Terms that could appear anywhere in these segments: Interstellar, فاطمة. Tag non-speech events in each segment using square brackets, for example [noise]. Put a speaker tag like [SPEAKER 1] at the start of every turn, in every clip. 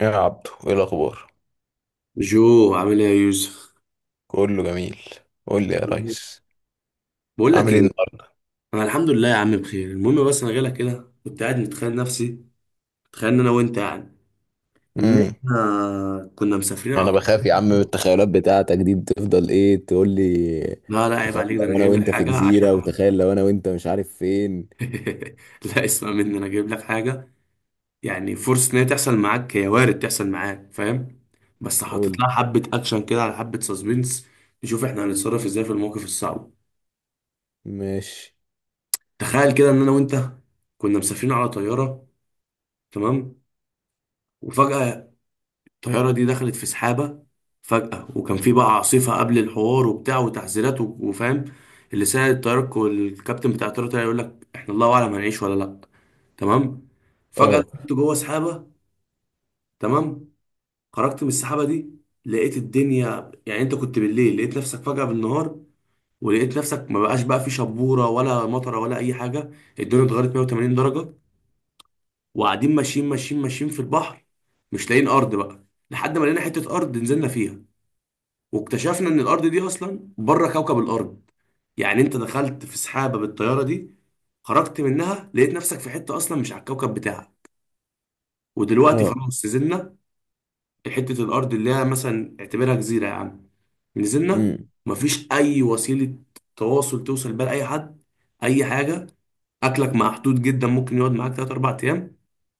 [SPEAKER 1] يا عبدو، ايه الاخبار؟
[SPEAKER 2] جو عامل ايه يا يوسف؟
[SPEAKER 1] كله جميل. قول لي يا ريس.
[SPEAKER 2] بقول لك
[SPEAKER 1] عامل ايه
[SPEAKER 2] ايه،
[SPEAKER 1] النهارده؟
[SPEAKER 2] انا الحمد لله يا عم بخير. المهم بس انا جاي لك كده، كنت قاعد متخيل نفسي. تخيل ان انا وانت يعني ان
[SPEAKER 1] امم.
[SPEAKER 2] احنا كنا مسافرين على
[SPEAKER 1] انا
[SPEAKER 2] طول.
[SPEAKER 1] بخاف يا عم من التخيلات بتاعتك دي، بتفضل ايه تقول لي؟
[SPEAKER 2] لا لا عيب
[SPEAKER 1] تخيل
[SPEAKER 2] عليك، ده انا
[SPEAKER 1] لو انا
[SPEAKER 2] جايب لك
[SPEAKER 1] وانت في
[SPEAKER 2] حاجه عشان
[SPEAKER 1] جزيرة،
[SPEAKER 2] [laughs]
[SPEAKER 1] وتخيل لو انا وانت مش عارف فين.
[SPEAKER 2] لا اسمع مني، انا جايب لك حاجه. يعني فرصه ان هي تحصل معاك، هي وارد تحصل معاك، فاهم؟ بس
[SPEAKER 1] قول
[SPEAKER 2] حاطط
[SPEAKER 1] لي.
[SPEAKER 2] لها حبه اكشن كده، على حبه سسبنس. نشوف احنا هنتصرف ازاي في المواقف الصعبه.
[SPEAKER 1] ماشي.
[SPEAKER 2] تخيل كده ان انا وانت كنا مسافرين على طياره، تمام؟ وفجأة الطيارة دي دخلت في سحابة. فجأة وكان في بقى عاصفة قبل الحوار وبتاع، وتحذيرات وفاهم. اللي ساعد الطيارة، الكابتن بتاع الطيارة طلع يقول لك احنا الله أعلم هنعيش ولا لأ. تمام. فجأة
[SPEAKER 1] اه.
[SPEAKER 2] كنت جوه سحابة. تمام. خرجت من السحابة دي، لقيت الدنيا يعني انت كنت بالليل لقيت نفسك فجأة بالنهار، ولقيت نفسك ما بقاش بقى في شبورة ولا مطرة ولا أي حاجة. الدنيا اتغيرت 180 درجة. وقاعدين ماشيين ماشيين ماشيين في البحر، مش لاقيين أرض بقى. لحد ما لقينا حتة أرض نزلنا فيها، واكتشفنا ان الارض دي اصلا بره كوكب الارض. يعني انت دخلت في سحابه بالطياره دي، خرجت منها لقيت نفسك في حته اصلا مش على الكوكب بتاعك. ودلوقتي
[SPEAKER 1] اه.
[SPEAKER 2] خلاص نزلنا حته الارض اللي هي مثلا اعتبرها جزيره يا عم. نزلنا،
[SPEAKER 1] امم.
[SPEAKER 2] مفيش اي وسيله تواصل توصل بيها لاي حد، اي حاجه. اكلك محدود جدا، ممكن يقعد معاك 3 4 ايام.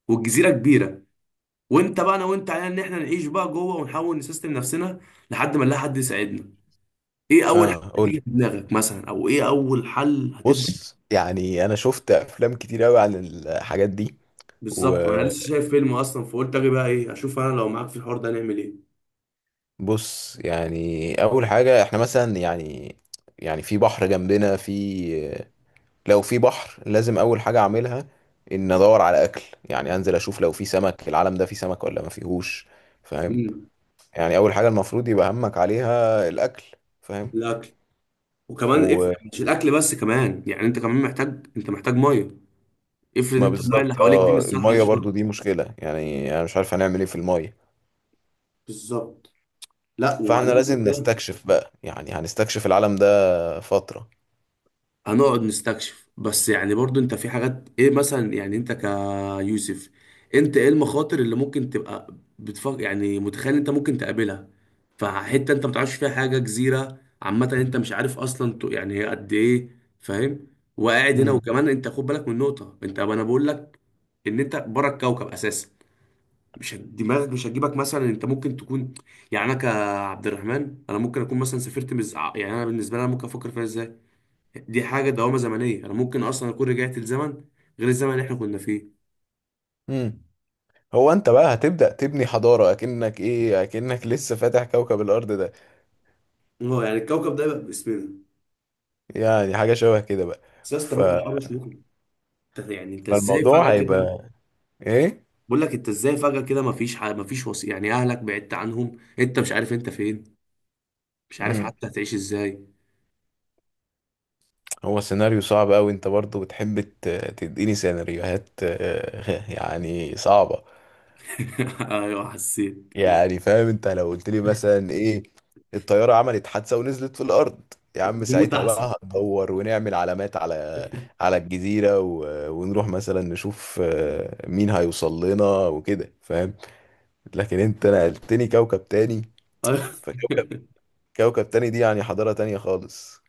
[SPEAKER 2] والجزيره كبيره. وانت بقى، انا وانت علينا ان احنا نعيش بقى جوه ونحاول نسيستم نفسنا لحد ما نلاقي حد يساعدنا. ايه اول حاجه
[SPEAKER 1] اه، قول لي.
[SPEAKER 2] هتيجي في دماغك مثلا، او ايه اول حل هتبدا؟
[SPEAKER 1] بص، يعني انا شفت افلام كتير قوي عن الحاجات دي.
[SPEAKER 2] بالظبط، ما انا
[SPEAKER 1] وبص،
[SPEAKER 2] لسه شايف فيلم اصلا فقلت اجي بقى ايه، اشوف انا لو معاك في الحوار ده نعمل ايه.
[SPEAKER 1] يعني اول حاجه احنا مثلا، يعني يعني في بحر جنبنا، في لو في بحر لازم اول حاجه اعملها ان ادور على اكل. يعني انزل اشوف لو في سمك، العالم ده فيه سمك ولا ما فيهوش؟ فاهم؟
[SPEAKER 2] امم،
[SPEAKER 1] يعني اول حاجه المفروض يبقى همك عليها الاكل. فاهم؟
[SPEAKER 2] الاكل، وكمان افرض
[SPEAKER 1] وما
[SPEAKER 2] مش الاكل بس، كمان يعني انت كمان محتاج. انت محتاج ميه. افرض انت الميه اللي
[SPEAKER 1] بالظبط
[SPEAKER 2] حواليك دي
[SPEAKER 1] اه،
[SPEAKER 2] مش صالحه
[SPEAKER 1] الميه
[SPEAKER 2] للشرب.
[SPEAKER 1] برضو دي مشكله، يعني انا مش عارف هنعمل ايه في الميه.
[SPEAKER 2] بالظبط. لا
[SPEAKER 1] فاحنا
[SPEAKER 2] وبعدين
[SPEAKER 1] لازم
[SPEAKER 2] كده
[SPEAKER 1] نستكشف بقى، يعني هنستكشف العالم ده فتره.
[SPEAKER 2] هنقعد نستكشف؟ بس يعني برضو انت في حاجات، ايه مثلا؟ يعني انت ك، يوسف، انت ايه المخاطر اللي ممكن تبقى بتفكر يعني متخيل انت ممكن تقابلها؟ فحته انت ما تعرفش فيها حاجه، جزيره عامه انت مش عارف اصلا يعني هي قد ايه، فاهم؟ وقاعد هنا،
[SPEAKER 1] امم.
[SPEAKER 2] وكمان انت خد بالك من نقطه، انت انا بقول لك ان انت بره الكوكب اساسا. مش هت- دماغك مش هتجيبك مثلا انت ممكن تكون، يعني انا كعبد الرحمن انا ممكن اكون مثلا سافرت يعني انا بالنسبه لي انا ممكن افكر فيها ازاي. دي حاجه دوامه زمنيه، انا ممكن اصلا اكون رجعت لزمن غير الزمن اللي احنا كنا فيه.
[SPEAKER 1] امم. هو انت بقى هتبدأ تبني حضارة اكنك ايه، اكنك لسه فاتح كوكب الارض ده؟
[SPEAKER 2] اه يعني الكوكب ده يبقى باسمنا.
[SPEAKER 1] يعني حاجة شبه كده بقى.
[SPEAKER 2] بس يا اسطى
[SPEAKER 1] ف...
[SPEAKER 2] برضه الحر مش مقنع. انت يعني انت ازاي
[SPEAKER 1] فالموضوع
[SPEAKER 2] فجأة كده؟
[SPEAKER 1] هيبقى ايه؟
[SPEAKER 2] بقول لك انت ازاي فجأة كده، مفيش وصي، يعني اهلك بعدت عنهم، انت مش عارف انت فين، مش عارف
[SPEAKER 1] امم.
[SPEAKER 2] حتى هتعيش ازاي.
[SPEAKER 1] هو سيناريو صعب قوي، انت برضو بتحب تديني سيناريوهات [laughs] يعني صعبة.
[SPEAKER 2] [laughs] ايوه حسيت.
[SPEAKER 1] يعني فاهم، انت لو قلت لي مثلا ايه؟ الطيارة عملت حادثة ونزلت في الارض، يا عم
[SPEAKER 2] نموت
[SPEAKER 1] ساعتها
[SPEAKER 2] احسن.
[SPEAKER 1] بقى هندور ونعمل علامات على الجزيرة ونروح مثلا نشوف مين هيوصل لنا وكده، فاهم؟ لكن انت نقلتني كوكب تاني.
[SPEAKER 2] أيوة.
[SPEAKER 1] فكوكب
[SPEAKER 2] [laughs]
[SPEAKER 1] كوكب تاني دي يعني حضارة تانية خالص.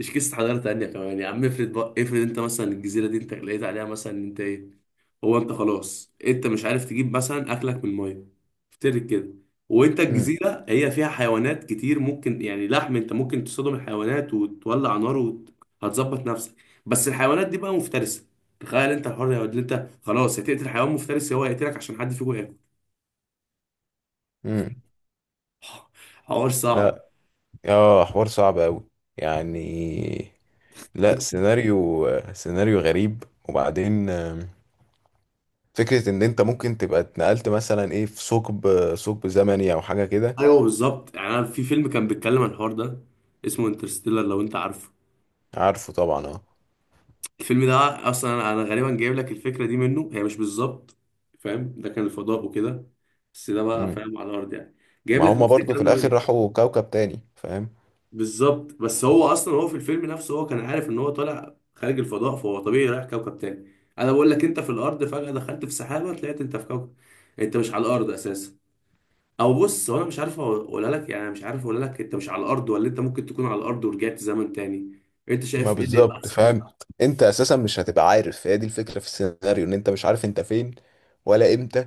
[SPEAKER 2] مش قصة حضارة تانية كمان يا عم. افرض بقى، افرض انت مثلا الجزيرة دي انت لقيت عليها مثلا ان انت ايه، هو انت خلاص انت مش عارف تجيب مثلا اكلك من الميه. افترض كده. وانت
[SPEAKER 1] امم.
[SPEAKER 2] الجزيره هي فيها حيوانات كتير، ممكن يعني لحم، انت ممكن تصطدم الحيوانات وتولع نار وهتظبط نفسك. بس الحيوانات دي بقى مفترسه، تخيل انت الحر يا واد، انت خلاص هتقتل حيوان مفترس هو هيقتلك عشان حد فيكم ياكل.
[SPEAKER 1] امم.
[SPEAKER 2] [laughs] حوار صعب.
[SPEAKER 1] لا. اه، حوار صعب قوي. يعني لا، سيناريو غريب. وبعدين فكرة ان انت ممكن تبقى اتنقلت مثلا ايه في ثقب ثقب زمني او حاجة كده.
[SPEAKER 2] ايوه بالظبط، يعني انا في فيلم كان بيتكلم عن الحوار ده، اسمه انترستيلر لو انت عارفه.
[SPEAKER 1] عارفه طبعا، اه.
[SPEAKER 2] الفيلم ده، اصلا انا غالبا جايب لك الفكره دي منه. هي مش بالظبط فاهم، ده كان الفضاء وكده، بس ده بقى
[SPEAKER 1] مم.
[SPEAKER 2] فاهم على الارض يعني، جايب
[SPEAKER 1] ما
[SPEAKER 2] لك
[SPEAKER 1] هما
[SPEAKER 2] نفس
[SPEAKER 1] برضو في
[SPEAKER 2] الكلام ده منه.
[SPEAKER 1] الاخر راحوا كوكب تاني، فاهم؟
[SPEAKER 2] بالظبط، بس هو اصلا هو في الفيلم نفسه هو كان عارف ان هو طالع خارج الفضاء، فهو طبيعي رايح كوكب تاني. انا بقول لك انت في الارض فجاه دخلت في سحابه، طلعت انت في كوكب، انت مش على الارض اساسا. او بص، هو انا مش عارف اقولها لك، يعني أنا مش عارف اقولها لك انت مش على الارض، ولا انت ممكن تكون على الارض ورجعت زمن تاني. انت
[SPEAKER 1] ما
[SPEAKER 2] شايف ايه اللي يبقى
[SPEAKER 1] بالظبط
[SPEAKER 2] احسن؟
[SPEAKER 1] فاهم. انت اساسا مش هتبقى عارف، هي دي الفكرة في السيناريو، ان انت مش عارف انت فين ولا امتى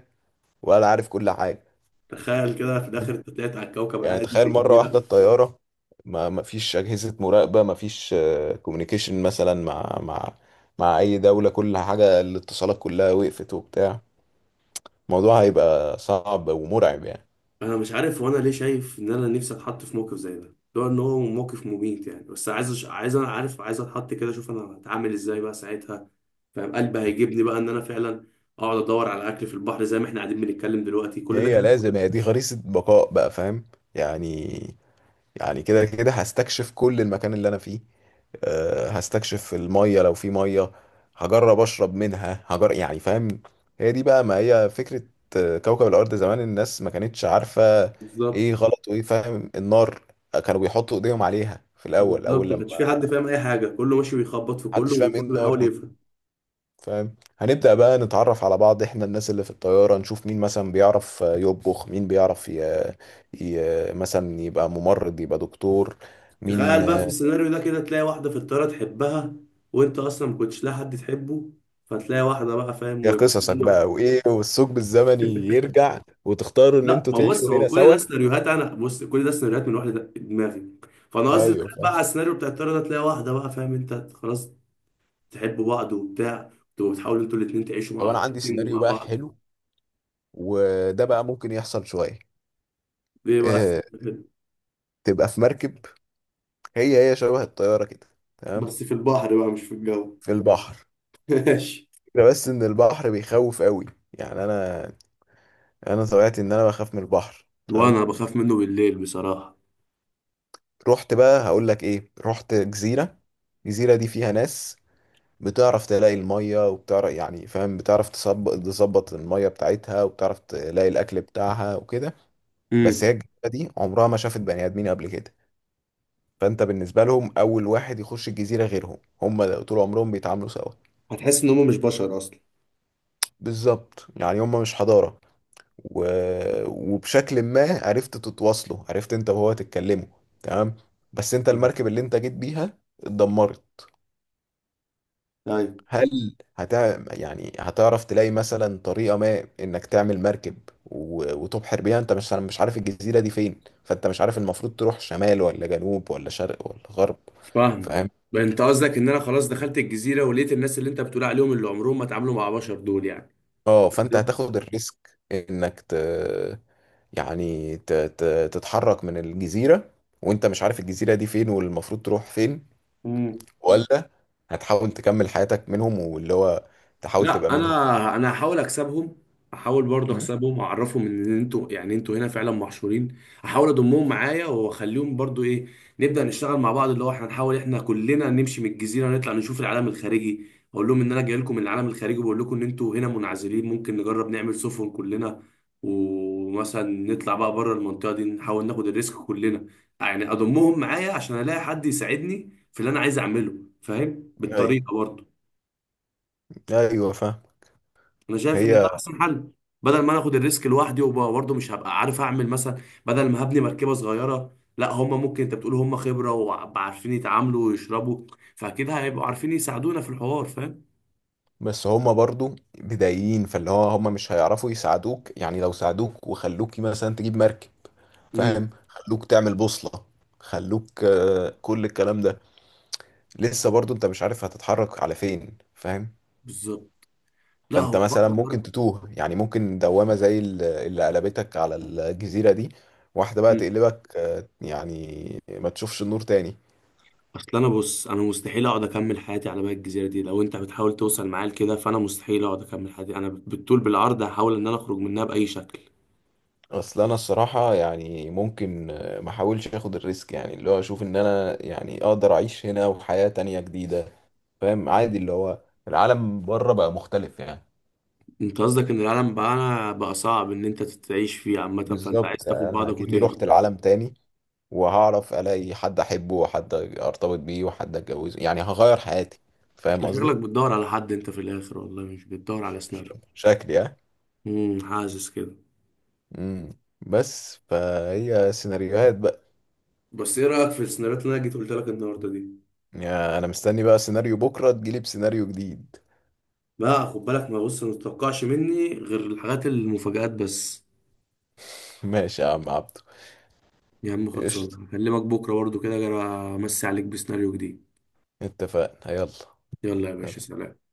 [SPEAKER 1] ولا عارف كل حاجة.
[SPEAKER 2] تخيل كده في الاخر انت طلعت على الكوكب
[SPEAKER 1] يعني
[SPEAKER 2] عادي
[SPEAKER 1] تخيل
[SPEAKER 2] في
[SPEAKER 1] مرة واحدة
[SPEAKER 2] الجزيره.
[SPEAKER 1] الطيارة، ما فيش أجهزة مراقبة، ما فيش كوميونيكيشن مثلا مع أي دولة، كل حاجة الاتصالات كلها وقفت وبتاع. الموضوع هيبقى صعب ومرعب يعني.
[SPEAKER 2] انا مش عارف، وانا ليه شايف ان انا نفسي اتحط في موقف زي ده، لو ان هو موقف مميت يعني، بس عايز عايز انا عارف عايز اتحط كده اشوف انا هتعامل ازاي بقى ساعتها، فاهم؟ قلبي هيجيبني بقى ان انا فعلا اقعد ادور على اكل في البحر، زي ما احنا قاعدين بنتكلم دلوقتي كل ده
[SPEAKER 1] هي
[SPEAKER 2] كلام.
[SPEAKER 1] لازم، هي دي خريطة بقاء بقى، فاهم؟ يعني كده كده هستكشف كل المكان اللي أنا فيه. هستكشف المية لو في مية، هجرب اشرب منها، هجرب يعني، فاهم؟ هي دي بقى، ما هي فكرة. كوكب الارض زمان الناس ما كانتش عارفة
[SPEAKER 2] بالظبط.
[SPEAKER 1] ايه غلط وايه فاهم. النار، كانوا بيحطوا ايديهم عليها في الاول،
[SPEAKER 2] بالظبط، ما
[SPEAKER 1] لما
[SPEAKER 2] كانش في حد فاهم اي حاجه، كله ماشي بيخبط في كله
[SPEAKER 1] محدش فاهم ايه
[SPEAKER 2] وكله
[SPEAKER 1] النار
[SPEAKER 2] بيحاول
[SPEAKER 1] دي.
[SPEAKER 2] يفهم.
[SPEAKER 1] فاهم؟ هنبدأ بقى نتعرف على بعض، احنا الناس اللي في الطيارة، نشوف مين مثلا بيعرف يطبخ، مين بيعرف مثلا يبقى ممرض، يبقى دكتور، مين.
[SPEAKER 2] تخيل بقى في السيناريو ده كده تلاقي واحده في الطياره تحبها، وانت اصلا ما كنتش لاقي حد تحبه، فتلاقي واحده بقى فاهم
[SPEAKER 1] يا
[SPEAKER 2] ويبقى.
[SPEAKER 1] قصصك بقى، وايه والثقب الزمني يرجع وتختاروا ان
[SPEAKER 2] لا
[SPEAKER 1] انتوا
[SPEAKER 2] ما
[SPEAKER 1] تعيشوا
[SPEAKER 2] بص، ما هو
[SPEAKER 1] هنا
[SPEAKER 2] كل
[SPEAKER 1] سوا؟
[SPEAKER 2] ده سيناريوهات. انا بص، كل ده سيناريوهات من واحده دماغي. فانا قصدي تخيل
[SPEAKER 1] ايوه
[SPEAKER 2] بقى
[SPEAKER 1] فاهم.
[SPEAKER 2] على السيناريو بتاع الطياره ده تلاقي واحده بقى فاهم، انت خلاص تحبوا بعض وبتاع، تبقوا بتحاولوا انتوا الاثنين تعيشوا
[SPEAKER 1] طب
[SPEAKER 2] مع
[SPEAKER 1] انا عندي
[SPEAKER 2] الاتنين
[SPEAKER 1] سيناريو
[SPEAKER 2] مع
[SPEAKER 1] بقى
[SPEAKER 2] بعض.
[SPEAKER 1] حلو، وده بقى ممكن يحصل شويه.
[SPEAKER 2] ليه بس؟
[SPEAKER 1] اه. تبقى في مركب، هي هي شبه الطياره كده، تمام،
[SPEAKER 2] بس في البحر بقى مش في الجو.
[SPEAKER 1] في البحر.
[SPEAKER 2] [laughs] ماشي.
[SPEAKER 1] الفكرة بس ان البحر بيخوف قوي. يعني انا، انا طبيعتي ان انا بخاف من البحر.
[SPEAKER 2] وانا
[SPEAKER 1] تمام.
[SPEAKER 2] بخاف منه بالليل بصراحه.
[SPEAKER 1] رحت بقى، هقول لك ايه، رحت جزيره. الجزيره دي فيها ناس بتعرف تلاقي المية، وبتعرف يعني، فاهم، بتعرف تظبط المية بتاعتها، وبتعرف تلاقي الأكل بتاعها وكده. بس
[SPEAKER 2] امم.
[SPEAKER 1] هي الجزيرة دي عمرها ما شافت بني آدمين قبل كده. فأنت بالنسبة لهم أول واحد يخش الجزيرة غيرهم، هم طول عمرهم بيتعاملوا سوا.
[SPEAKER 2] هتحس ان هم مش بشر اصلا.
[SPEAKER 1] بالظبط، يعني هم مش حضارة. و... وبشكل ما عرفت تتواصلوا، عرفت أنت وهو تتكلموا، تمام. بس أنت المركب اللي أنت جيت بيها اتدمرت.
[SPEAKER 2] طيب.
[SPEAKER 1] هل يعني هتعرف تلاقي مثلا طريقة ما انك تعمل مركب وتبحر بيها؟ انت مش عارف الجزيرة دي فين، فانت مش عارف المفروض تروح شمال ولا جنوب ولا شرق ولا غرب.
[SPEAKER 2] فاهم.
[SPEAKER 1] فاهم؟
[SPEAKER 2] بقى انت قصدك ان انا خلاص دخلت الجزيره ولقيت الناس اللي انت بتقول عليهم، اللي عمرهم ما اتعاملوا مع بشر دول يعني.
[SPEAKER 1] اه، فانت هتاخد الريسك انك يعني تتحرك من الجزيرة وانت مش عارف الجزيرة دي فين والمفروض تروح فين،
[SPEAKER 2] مم.
[SPEAKER 1] ولا هتحاول تكمل حياتك منهم، واللي هو تحاول تبقى
[SPEAKER 2] لا
[SPEAKER 1] منهم.
[SPEAKER 2] انا هحاول اكسبهم، احاول برضه
[SPEAKER 1] م؟
[SPEAKER 2] اكسبهم واعرفهم ان انتوا يعني انتوا هنا فعلا محشورين. احاول اضمهم معايا واخليهم برضه ايه، نبدا نشتغل مع بعض، اللي هو احنا نحاول احنا كلنا نمشي من الجزيره ونطلع نشوف العالم الخارجي. اقول لهم ان انا جاي لكم من العالم الخارجي، وبقول لكم ان انتوا هنا منعزلين، ممكن نجرب نعمل سفن كلنا، ومثلا نطلع بقى بره المنطقه دي، نحاول ناخد الريسك كلنا. يعني اضمهم معايا عشان الاقي حد يساعدني في اللي انا عايز اعمله، فاهم،
[SPEAKER 1] ايوه،
[SPEAKER 2] بالطريقه برضه.
[SPEAKER 1] ايوه فاهم.
[SPEAKER 2] انا شايف ان ده
[SPEAKER 1] هي،
[SPEAKER 2] احسن حل. بدل ما انا اخد الريسك لوحدي وبرضه مش هبقى عارف اعمل مثلا، بدل ما هبني مركبه صغيره، لا هم ممكن انت بتقول هم خبره وعارفين يتعاملوا ويشربوا، فاكيد هيبقوا عارفين يساعدونا في الحوار فاهم.
[SPEAKER 1] بس هما برضو بدايين، فاللي هو هما مش هيعرفوا يساعدوك. يعني لو ساعدوك وخلوك مثلا تجيب مركب،
[SPEAKER 2] امم.
[SPEAKER 1] فاهم، خلوك تعمل بوصلة، خلوك كل الكلام ده، لسه برضو انت مش عارف هتتحرك على فين، فاهم؟
[SPEAKER 2] بالظبط. لا
[SPEAKER 1] فانت
[SPEAKER 2] هو
[SPEAKER 1] مثلا ممكن
[SPEAKER 2] اكتر.
[SPEAKER 1] تتوه. يعني ممكن دوامة زي اللي قلبتك على الجزيرة دي، واحدة بقى
[SPEAKER 2] مم.
[SPEAKER 1] تقلبك يعني ما تشوفش النور تاني.
[SPEAKER 2] اصل انا بص، انا مستحيل اقعد اكمل حياتي على بقى الجزيره دي، لو انت بتحاول توصل معايا لكده فانا مستحيل اقعد اكمل حياتي، انا بالطول بالعرض هحاول ان انا اخرج منها باي شكل.
[SPEAKER 1] اصل انا الصراحه يعني ممكن ما احاولش اخد الريسك، يعني اللي هو اشوف ان انا يعني اقدر اعيش هنا وحياه تانية جديده. فاهم؟ عادي، اللي هو العالم بره بقى مختلف يعني.
[SPEAKER 2] انت قصدك ان العالم بقى صعب ان انت تعيش فيه عامه، فانت عايز
[SPEAKER 1] بالظبط،
[SPEAKER 2] تاخد
[SPEAKER 1] انا
[SPEAKER 2] بعضك
[SPEAKER 1] اكني
[SPEAKER 2] وتهرب.
[SPEAKER 1] رحت العالم تاني، وهعرف الاقي حد احبه، وحد ارتبط بيه، وحد اتجوزه، يعني هغير حياتي.
[SPEAKER 2] انت
[SPEAKER 1] فاهم
[SPEAKER 2] شكلك
[SPEAKER 1] قصدي؟
[SPEAKER 2] بتدور على حد انت في الاخر، والله مش بتدور على سيناريو.
[SPEAKER 1] شكلي اه.
[SPEAKER 2] امم، حاسس كده.
[SPEAKER 1] امم. بس فهي سيناريوهات بقى.
[SPEAKER 2] بس ايه رايك في السيناريوهات اللي انا جيت قلت لك النهارده دي؟
[SPEAKER 1] يعني انا مستني بقى سيناريو، بكره تجيلي بسيناريو جديد.
[SPEAKER 2] بقى خد بالك، ما بص، ما تتوقعش مني غير الحاجات المفاجآت بس.
[SPEAKER 1] [laughs] ماشي يا عم عبد.
[SPEAKER 2] يا عم خلصان، هكلمك بكره برضو كده أجي امسي عليك بسيناريو جديد.
[SPEAKER 1] اتفقنا، يلا.
[SPEAKER 2] يلا يا باشا، سلام.